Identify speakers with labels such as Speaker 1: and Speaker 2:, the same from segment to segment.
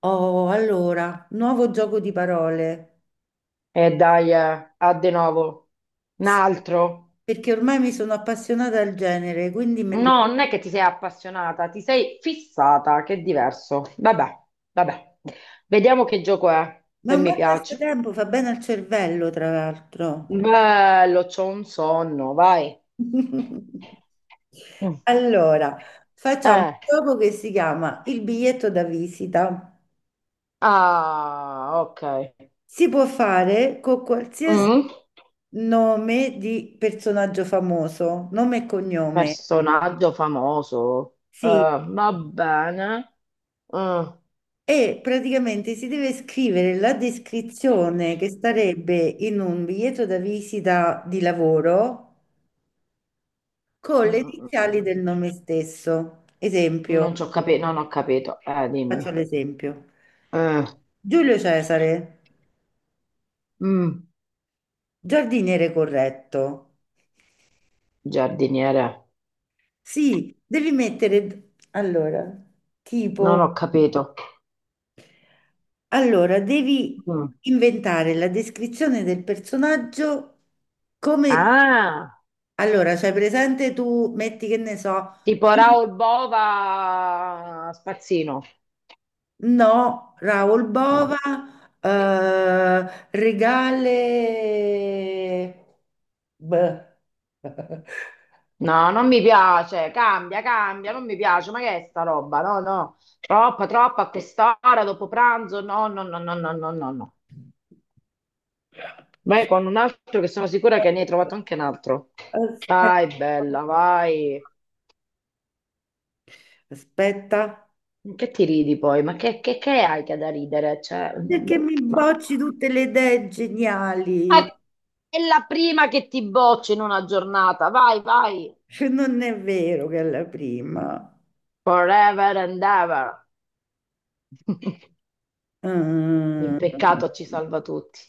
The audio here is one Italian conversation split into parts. Speaker 1: Oh, allora, nuovo gioco di parole.
Speaker 2: E dai, a de novo. Un
Speaker 1: Sì,
Speaker 2: altro?
Speaker 1: perché ormai mi sono appassionata al genere, quindi
Speaker 2: No, non è che ti sei appassionata, ti sei fissata, che è diverso. Vabbè, vabbè. Vediamo che gioco è,
Speaker 1: ma è
Speaker 2: se
Speaker 1: un
Speaker 2: mi
Speaker 1: bel
Speaker 2: piace.
Speaker 1: passatempo, fa bene al cervello, tra l'altro.
Speaker 2: Bello, c'ho un sonno, vai. Mm.
Speaker 1: Allora, facciamo un
Speaker 2: Eh.
Speaker 1: gioco che si chiama il biglietto da visita.
Speaker 2: Ah, ok.
Speaker 1: Si può fare con qualsiasi
Speaker 2: Mm.
Speaker 1: nome di personaggio famoso, nome e cognome.
Speaker 2: Personaggio famoso.
Speaker 1: Sì,
Speaker 2: Va bene. Mm.
Speaker 1: e praticamente si deve scrivere la descrizione che starebbe in un biglietto da visita di lavoro con
Speaker 2: Mm,
Speaker 1: le
Speaker 2: mm, mm.
Speaker 1: iniziali del nome stesso. Esempio,
Speaker 2: Non ho capito. Dimmi.
Speaker 1: faccio l'esempio.
Speaker 2: Eh,
Speaker 1: Giulio Cesare,
Speaker 2: mm,
Speaker 1: giardiniere corretto.
Speaker 2: giardiniere.
Speaker 1: Sì, devi mettere, allora, tipo,
Speaker 2: Non ho capito.
Speaker 1: allora, devi
Speaker 2: Mm.
Speaker 1: inventare la descrizione del personaggio come,
Speaker 2: Ah,
Speaker 1: allora, cioè presente tu, metti che ne so.
Speaker 2: tipo Raoul Bova Spazzino.
Speaker 1: No, Raul
Speaker 2: No.
Speaker 1: Bova, regale... Beh.
Speaker 2: No, non mi piace. Cambia, cambia, non mi piace. Ma che è sta roba? No, no. Troppa, troppa a quest'ora, dopo pranzo. No, no, no, no, no, no, no, no. Vai con un altro che sono sicura che ne hai trovato anche un altro.
Speaker 1: Aspetta.
Speaker 2: Vai, bella, vai.
Speaker 1: Aspetta,
Speaker 2: Che ti ridi poi? Ma che hai che da ridere? Cioè,
Speaker 1: perché
Speaker 2: boh,
Speaker 1: mi
Speaker 2: ma...
Speaker 1: bocci tutte le idee geniali?
Speaker 2: Ah, è la prima che ti boccio in una giornata. Vai, vai.
Speaker 1: Cioè, non è vero che è la prima.
Speaker 2: Forever and ever. Il
Speaker 1: Mm.
Speaker 2: peccato ci salva tutti.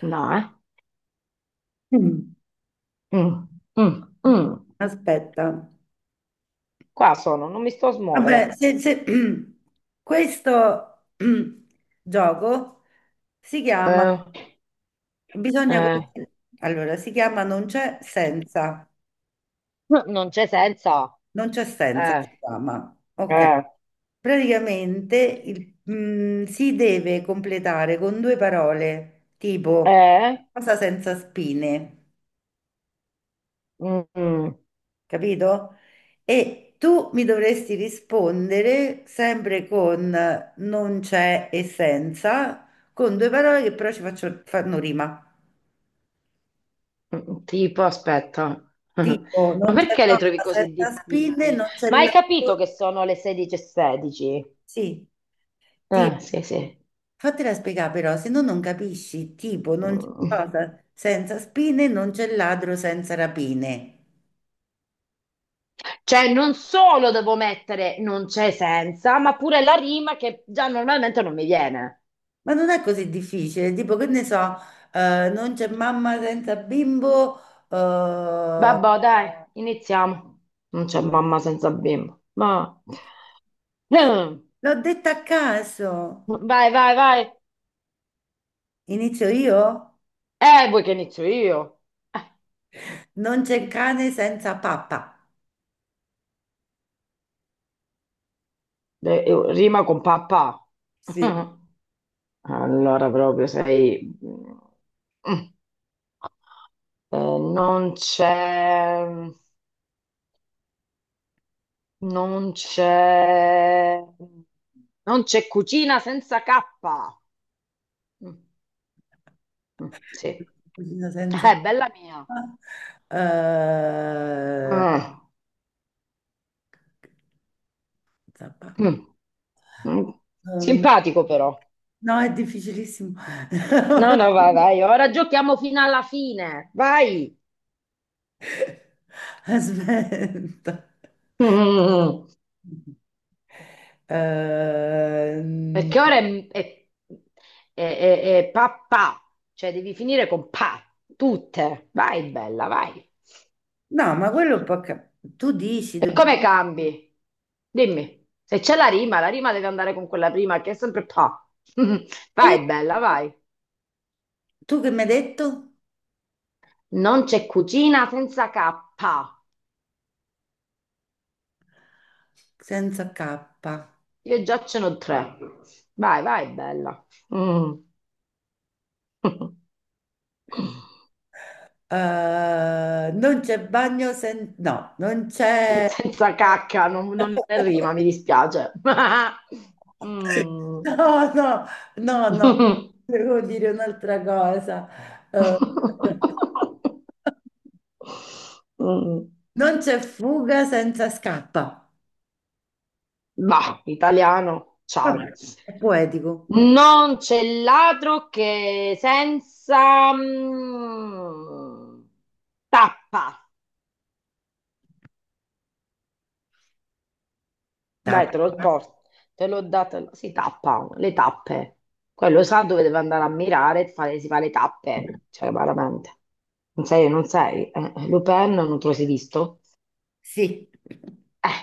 Speaker 2: No, eh? Mm, mm, mm.
Speaker 1: Aspetta.
Speaker 2: Qua sono, non mi sto a
Speaker 1: Vabbè,
Speaker 2: smuovere.
Speaker 1: questo gioco si chiama,
Speaker 2: Eh,
Speaker 1: bisogna,
Speaker 2: eh.
Speaker 1: allora, si chiama non c'è senza,
Speaker 2: Non c'è senso.
Speaker 1: non c'è senza, si
Speaker 2: Eh,
Speaker 1: chiama, ok.
Speaker 2: eh,
Speaker 1: Praticamente si deve completare con due parole, tipo
Speaker 2: eh.
Speaker 1: cosa senza spine,
Speaker 2: Mm, mm.
Speaker 1: capito? E tu mi dovresti rispondere sempre con non c'è e senza, con due parole che però fanno rima.
Speaker 2: Mm, tipo, aspetta,
Speaker 1: Tipo,
Speaker 2: ma
Speaker 1: non c'è
Speaker 2: perché le trovi
Speaker 1: sosta
Speaker 2: così
Speaker 1: senza spine,
Speaker 2: difficili?
Speaker 1: non c'è
Speaker 2: Ma hai capito
Speaker 1: latte.
Speaker 2: che sono le 16:16?
Speaker 1: Sì, tipo,
Speaker 2: Ah, sì, sì.
Speaker 1: fatela spiegare però, se no non capisci. Tipo, non c'è
Speaker 2: Mm.
Speaker 1: cosa senza spine, non c'è ladro senza rapine.
Speaker 2: Cioè, non solo devo mettere non c'è senza, ma pure la rima che già normalmente non mi viene.
Speaker 1: Ma non è così difficile, tipo, che ne so, non c'è mamma senza bimbo, eh,
Speaker 2: Vabbè, dai, iniziamo. Non c'è mamma senza bimbo. Ma... Mm.
Speaker 1: l'ho detta a caso.
Speaker 2: Vai, vai, vai.
Speaker 1: Inizio io?
Speaker 2: Vuoi che inizio io?
Speaker 1: Non c'è cane senza pappa.
Speaker 2: Rima con papà.
Speaker 1: Sì.
Speaker 2: Allora proprio sei... Mm. Eh, non c'è... Non c'è... Non c'è cucina senza K. Mm, mm, sì.
Speaker 1: Cucina senza
Speaker 2: Bella mia.
Speaker 1: pappa. Eh,
Speaker 2: Ah,
Speaker 1: senza pappa.
Speaker 2: mm, mm.
Speaker 1: Eh,
Speaker 2: Simpatico però.
Speaker 1: No, è difficilissimo.
Speaker 2: No, no, vai, vai. Ora giochiamo fino alla fine. Vai.
Speaker 1: Aspetta.
Speaker 2: Mm.
Speaker 1: Ehm,
Speaker 2: Perché ora è pa pa, cioè devi finire con pa, tutte. Vai, bella, vai.
Speaker 1: no, ma quello è un po' tu dici,
Speaker 2: E come cambi? Dimmi, se c'è la rima deve andare con quella prima che è sempre pa.
Speaker 1: eh,
Speaker 2: Vai, bella, vai.
Speaker 1: tu che mi hai detto?
Speaker 2: Non c'è cucina senza K.
Speaker 1: Senza K.
Speaker 2: Io già ce n'ho tre. Vai, vai, bella. Mm.
Speaker 1: Non c'è bagno senza... No, non c'è...
Speaker 2: Senza cacca, non è rima, mi dispiace. Mm.
Speaker 1: No, no, no, no, devo dire un'altra cosa. Eh,
Speaker 2: Mm,
Speaker 1: non c'è fuga senza scappa.
Speaker 2: bah, italiano, ciao.
Speaker 1: Vabbè, è poetico.
Speaker 2: Non c'è ladro che senza tappa. Dai,
Speaker 1: Tappa.
Speaker 2: te lo porto. Te l'ho data. Si tappa, le tappe. Quello sa dove deve andare a mirare e fare, si fa le tappe. Cioè, veramente. Non sei, non sei. Lupin non te lo sei visto?
Speaker 1: Sì.
Speaker 2: Eh,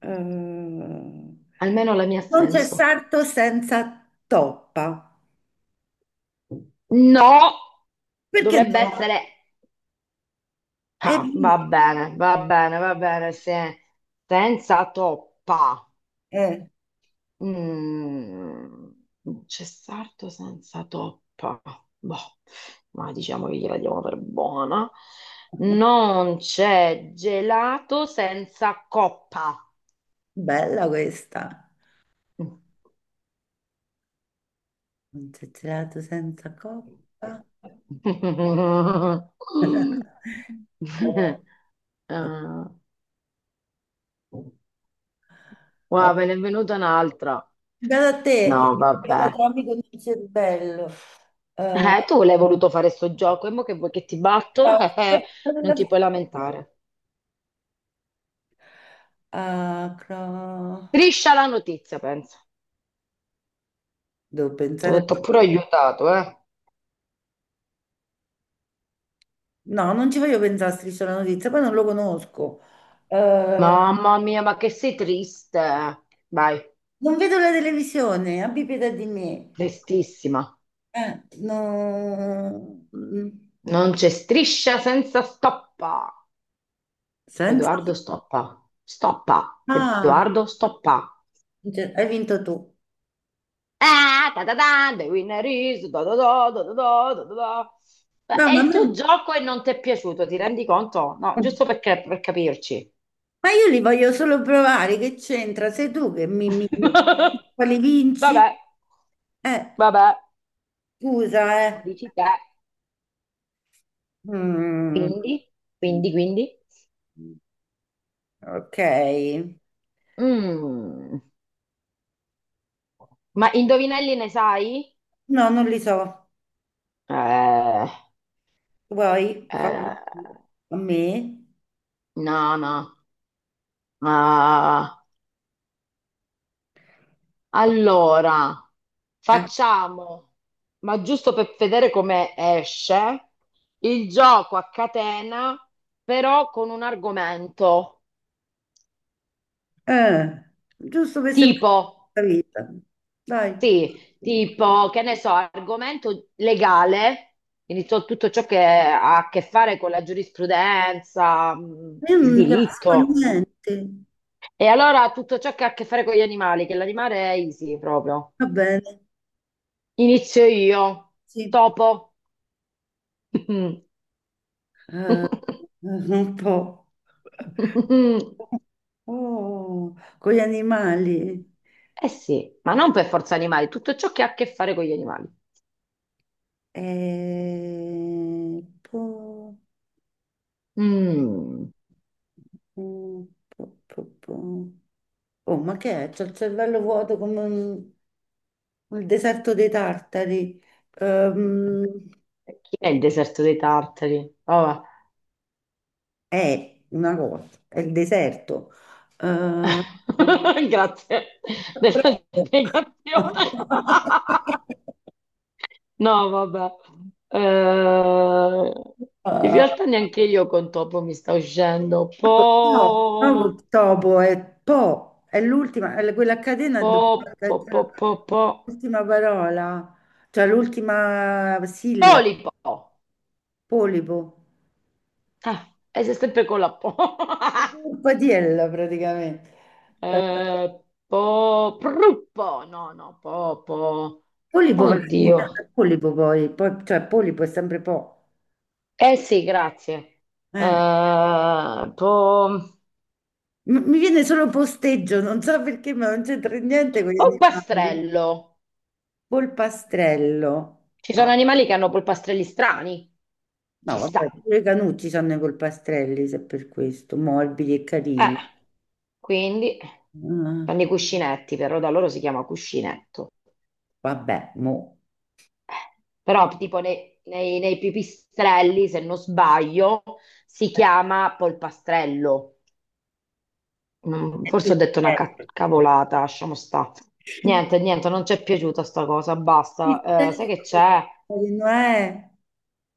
Speaker 1: Non
Speaker 2: almeno la mia ha
Speaker 1: c'è
Speaker 2: senso.
Speaker 1: sarto senza toppa.
Speaker 2: No!
Speaker 1: Perché
Speaker 2: Dovrebbe
Speaker 1: no?
Speaker 2: essere...
Speaker 1: È
Speaker 2: Ah, va
Speaker 1: lì.
Speaker 2: bene, va bene, va bene, se- senza toppa.
Speaker 1: Eh.
Speaker 2: Mm, c'è sarto senza toppa. Boh, ma diciamo che gliela diamo per buona. Non c'è gelato senza coppa.
Speaker 1: Bella questa. Non c'è gelato senza coppa.
Speaker 2: Ah,
Speaker 1: Oh,
Speaker 2: guarda, me ne è venuta un'altra.
Speaker 1: guarda te,
Speaker 2: No,
Speaker 1: guarda
Speaker 2: vabbè.
Speaker 1: Tommy con il cervello. Eh,
Speaker 2: Tu l'hai voluto fare sto gioco, e mo che vuoi che ti batto? Non ti puoi lamentare.
Speaker 1: ah, cro-
Speaker 2: Striscia la notizia, penso.
Speaker 1: devo
Speaker 2: Ti ho
Speaker 1: pensare.
Speaker 2: detto pure aiutato, eh?
Speaker 1: No, non ci voglio pensare a Striscia la notizia, poi non lo conosco. Eh,
Speaker 2: Mamma mia, ma che sei triste. Vai,
Speaker 1: non vedo la televisione, abbi pietà di me.
Speaker 2: tristissima.
Speaker 1: No.
Speaker 2: Non c'è striscia senza stoppa.
Speaker 1: Senza...
Speaker 2: Edoardo stoppa. Stoppa.
Speaker 1: Ah,
Speaker 2: Edoardo stoppa.
Speaker 1: cioè, hai vinto tu.
Speaker 2: Ah, ta ta ta, the winner is da da da da da da da da da. Beh,
Speaker 1: No,
Speaker 2: è il tuo gioco e non ti è piaciuto, ti rendi conto? No, giusto perché, per capirci.
Speaker 1: ma io li voglio solo provare, che c'entra? Sei tu che mi... mi... quali vinci?
Speaker 2: Vabbè,
Speaker 1: Eh,
Speaker 2: vabbè,
Speaker 1: scusa, eh.
Speaker 2: lo dici te.
Speaker 1: Mm.
Speaker 2: Quindi, quindi, quindi.
Speaker 1: Ok.
Speaker 2: Mm. Ma indovinelli ne sai?
Speaker 1: No, non li so.
Speaker 2: Eh,
Speaker 1: Vuoi farli
Speaker 2: eh,
Speaker 1: a me?
Speaker 2: no, no. Ah, allora,
Speaker 1: Eh,
Speaker 2: facciamo, ma giusto per vedere come esce, il gioco a catena, però con un argomento.
Speaker 1: eh, giusto per sembrare
Speaker 2: Tipo,
Speaker 1: la vita. Dai,
Speaker 2: sì, tipo, che ne so, argomento legale, quindi tutto ciò che ha a che fare con la giurisprudenza,
Speaker 1: io
Speaker 2: il
Speaker 1: non ne capisco
Speaker 2: diritto,
Speaker 1: niente.
Speaker 2: e allora tutto ciò che ha a che fare con gli animali, che l'animale è easy proprio.
Speaker 1: Va bene,
Speaker 2: Inizio io,
Speaker 1: sì.
Speaker 2: topo.
Speaker 1: Un po'. Oh, con gli animali.
Speaker 2: Eh sì, ma non per forza animali, tutto ciò che ha a che fare con gli animali.
Speaker 1: Po,
Speaker 2: Mm.
Speaker 1: po, po, po. Oh, ma che è? C'ho il cervello vuoto come un- Il deserto dei tartari. Ehm,
Speaker 2: Chi è il deserto dei tartari? Oh,
Speaker 1: è una cosa, è il deserto. Ehm,
Speaker 2: grazie della
Speaker 1: proprio.
Speaker 2: spiegazione. No, vabbè. Eh, in
Speaker 1: Ah,
Speaker 2: realtà neanche io con topo mi sta uscendo.
Speaker 1: no, no, col
Speaker 2: Po,
Speaker 1: topo è po, è l'ultima, è quella a catena
Speaker 2: po,
Speaker 1: dove
Speaker 2: po, po, po, po.
Speaker 1: l'ultima parola, cioè l'ultima sillaba,
Speaker 2: Polipo.
Speaker 1: polipo,
Speaker 2: Ah, e sei sempre con la po.
Speaker 1: un patiello praticamente. Ehm,
Speaker 2: Po, pruppo. No, no, po, po.
Speaker 1: Polipo va a finire
Speaker 2: Oddio.
Speaker 1: a polipo cioè polipo è sempre po'.
Speaker 2: Eh sì, grazie.
Speaker 1: Eh.
Speaker 2: Po.
Speaker 1: Mi viene solo posteggio, non so perché, ma non c'entra niente con gli animali.
Speaker 2: Polpastrello.
Speaker 1: Polpastrello.
Speaker 2: Ci sono
Speaker 1: Ah,
Speaker 2: animali che hanno polpastrelli strani.
Speaker 1: no,
Speaker 2: Ci
Speaker 1: vabbè,
Speaker 2: sta.
Speaker 1: pure i canucci hanno i polpastrelli, se per questo, morbidi e carini.
Speaker 2: Eh, quindi
Speaker 1: Ah,
Speaker 2: fanno i cuscinetti, però da loro si chiama cuscinetto.
Speaker 1: vabbè, mo.
Speaker 2: Però tipo nei pipistrelli, se non sbaglio, si chiama polpastrello. Mm, forse ho detto una
Speaker 1: Pistello.
Speaker 2: cavolata, lasciamo sta. Niente, niente, non ci è piaciuta sta cosa, basta. Sai
Speaker 1: Pistello.
Speaker 2: che c'è?
Speaker 1: Non è?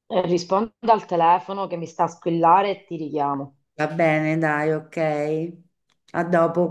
Speaker 2: Rispondo al telefono che mi sta a squillare e ti richiamo.
Speaker 1: Va bene, dai, ok. A dopo.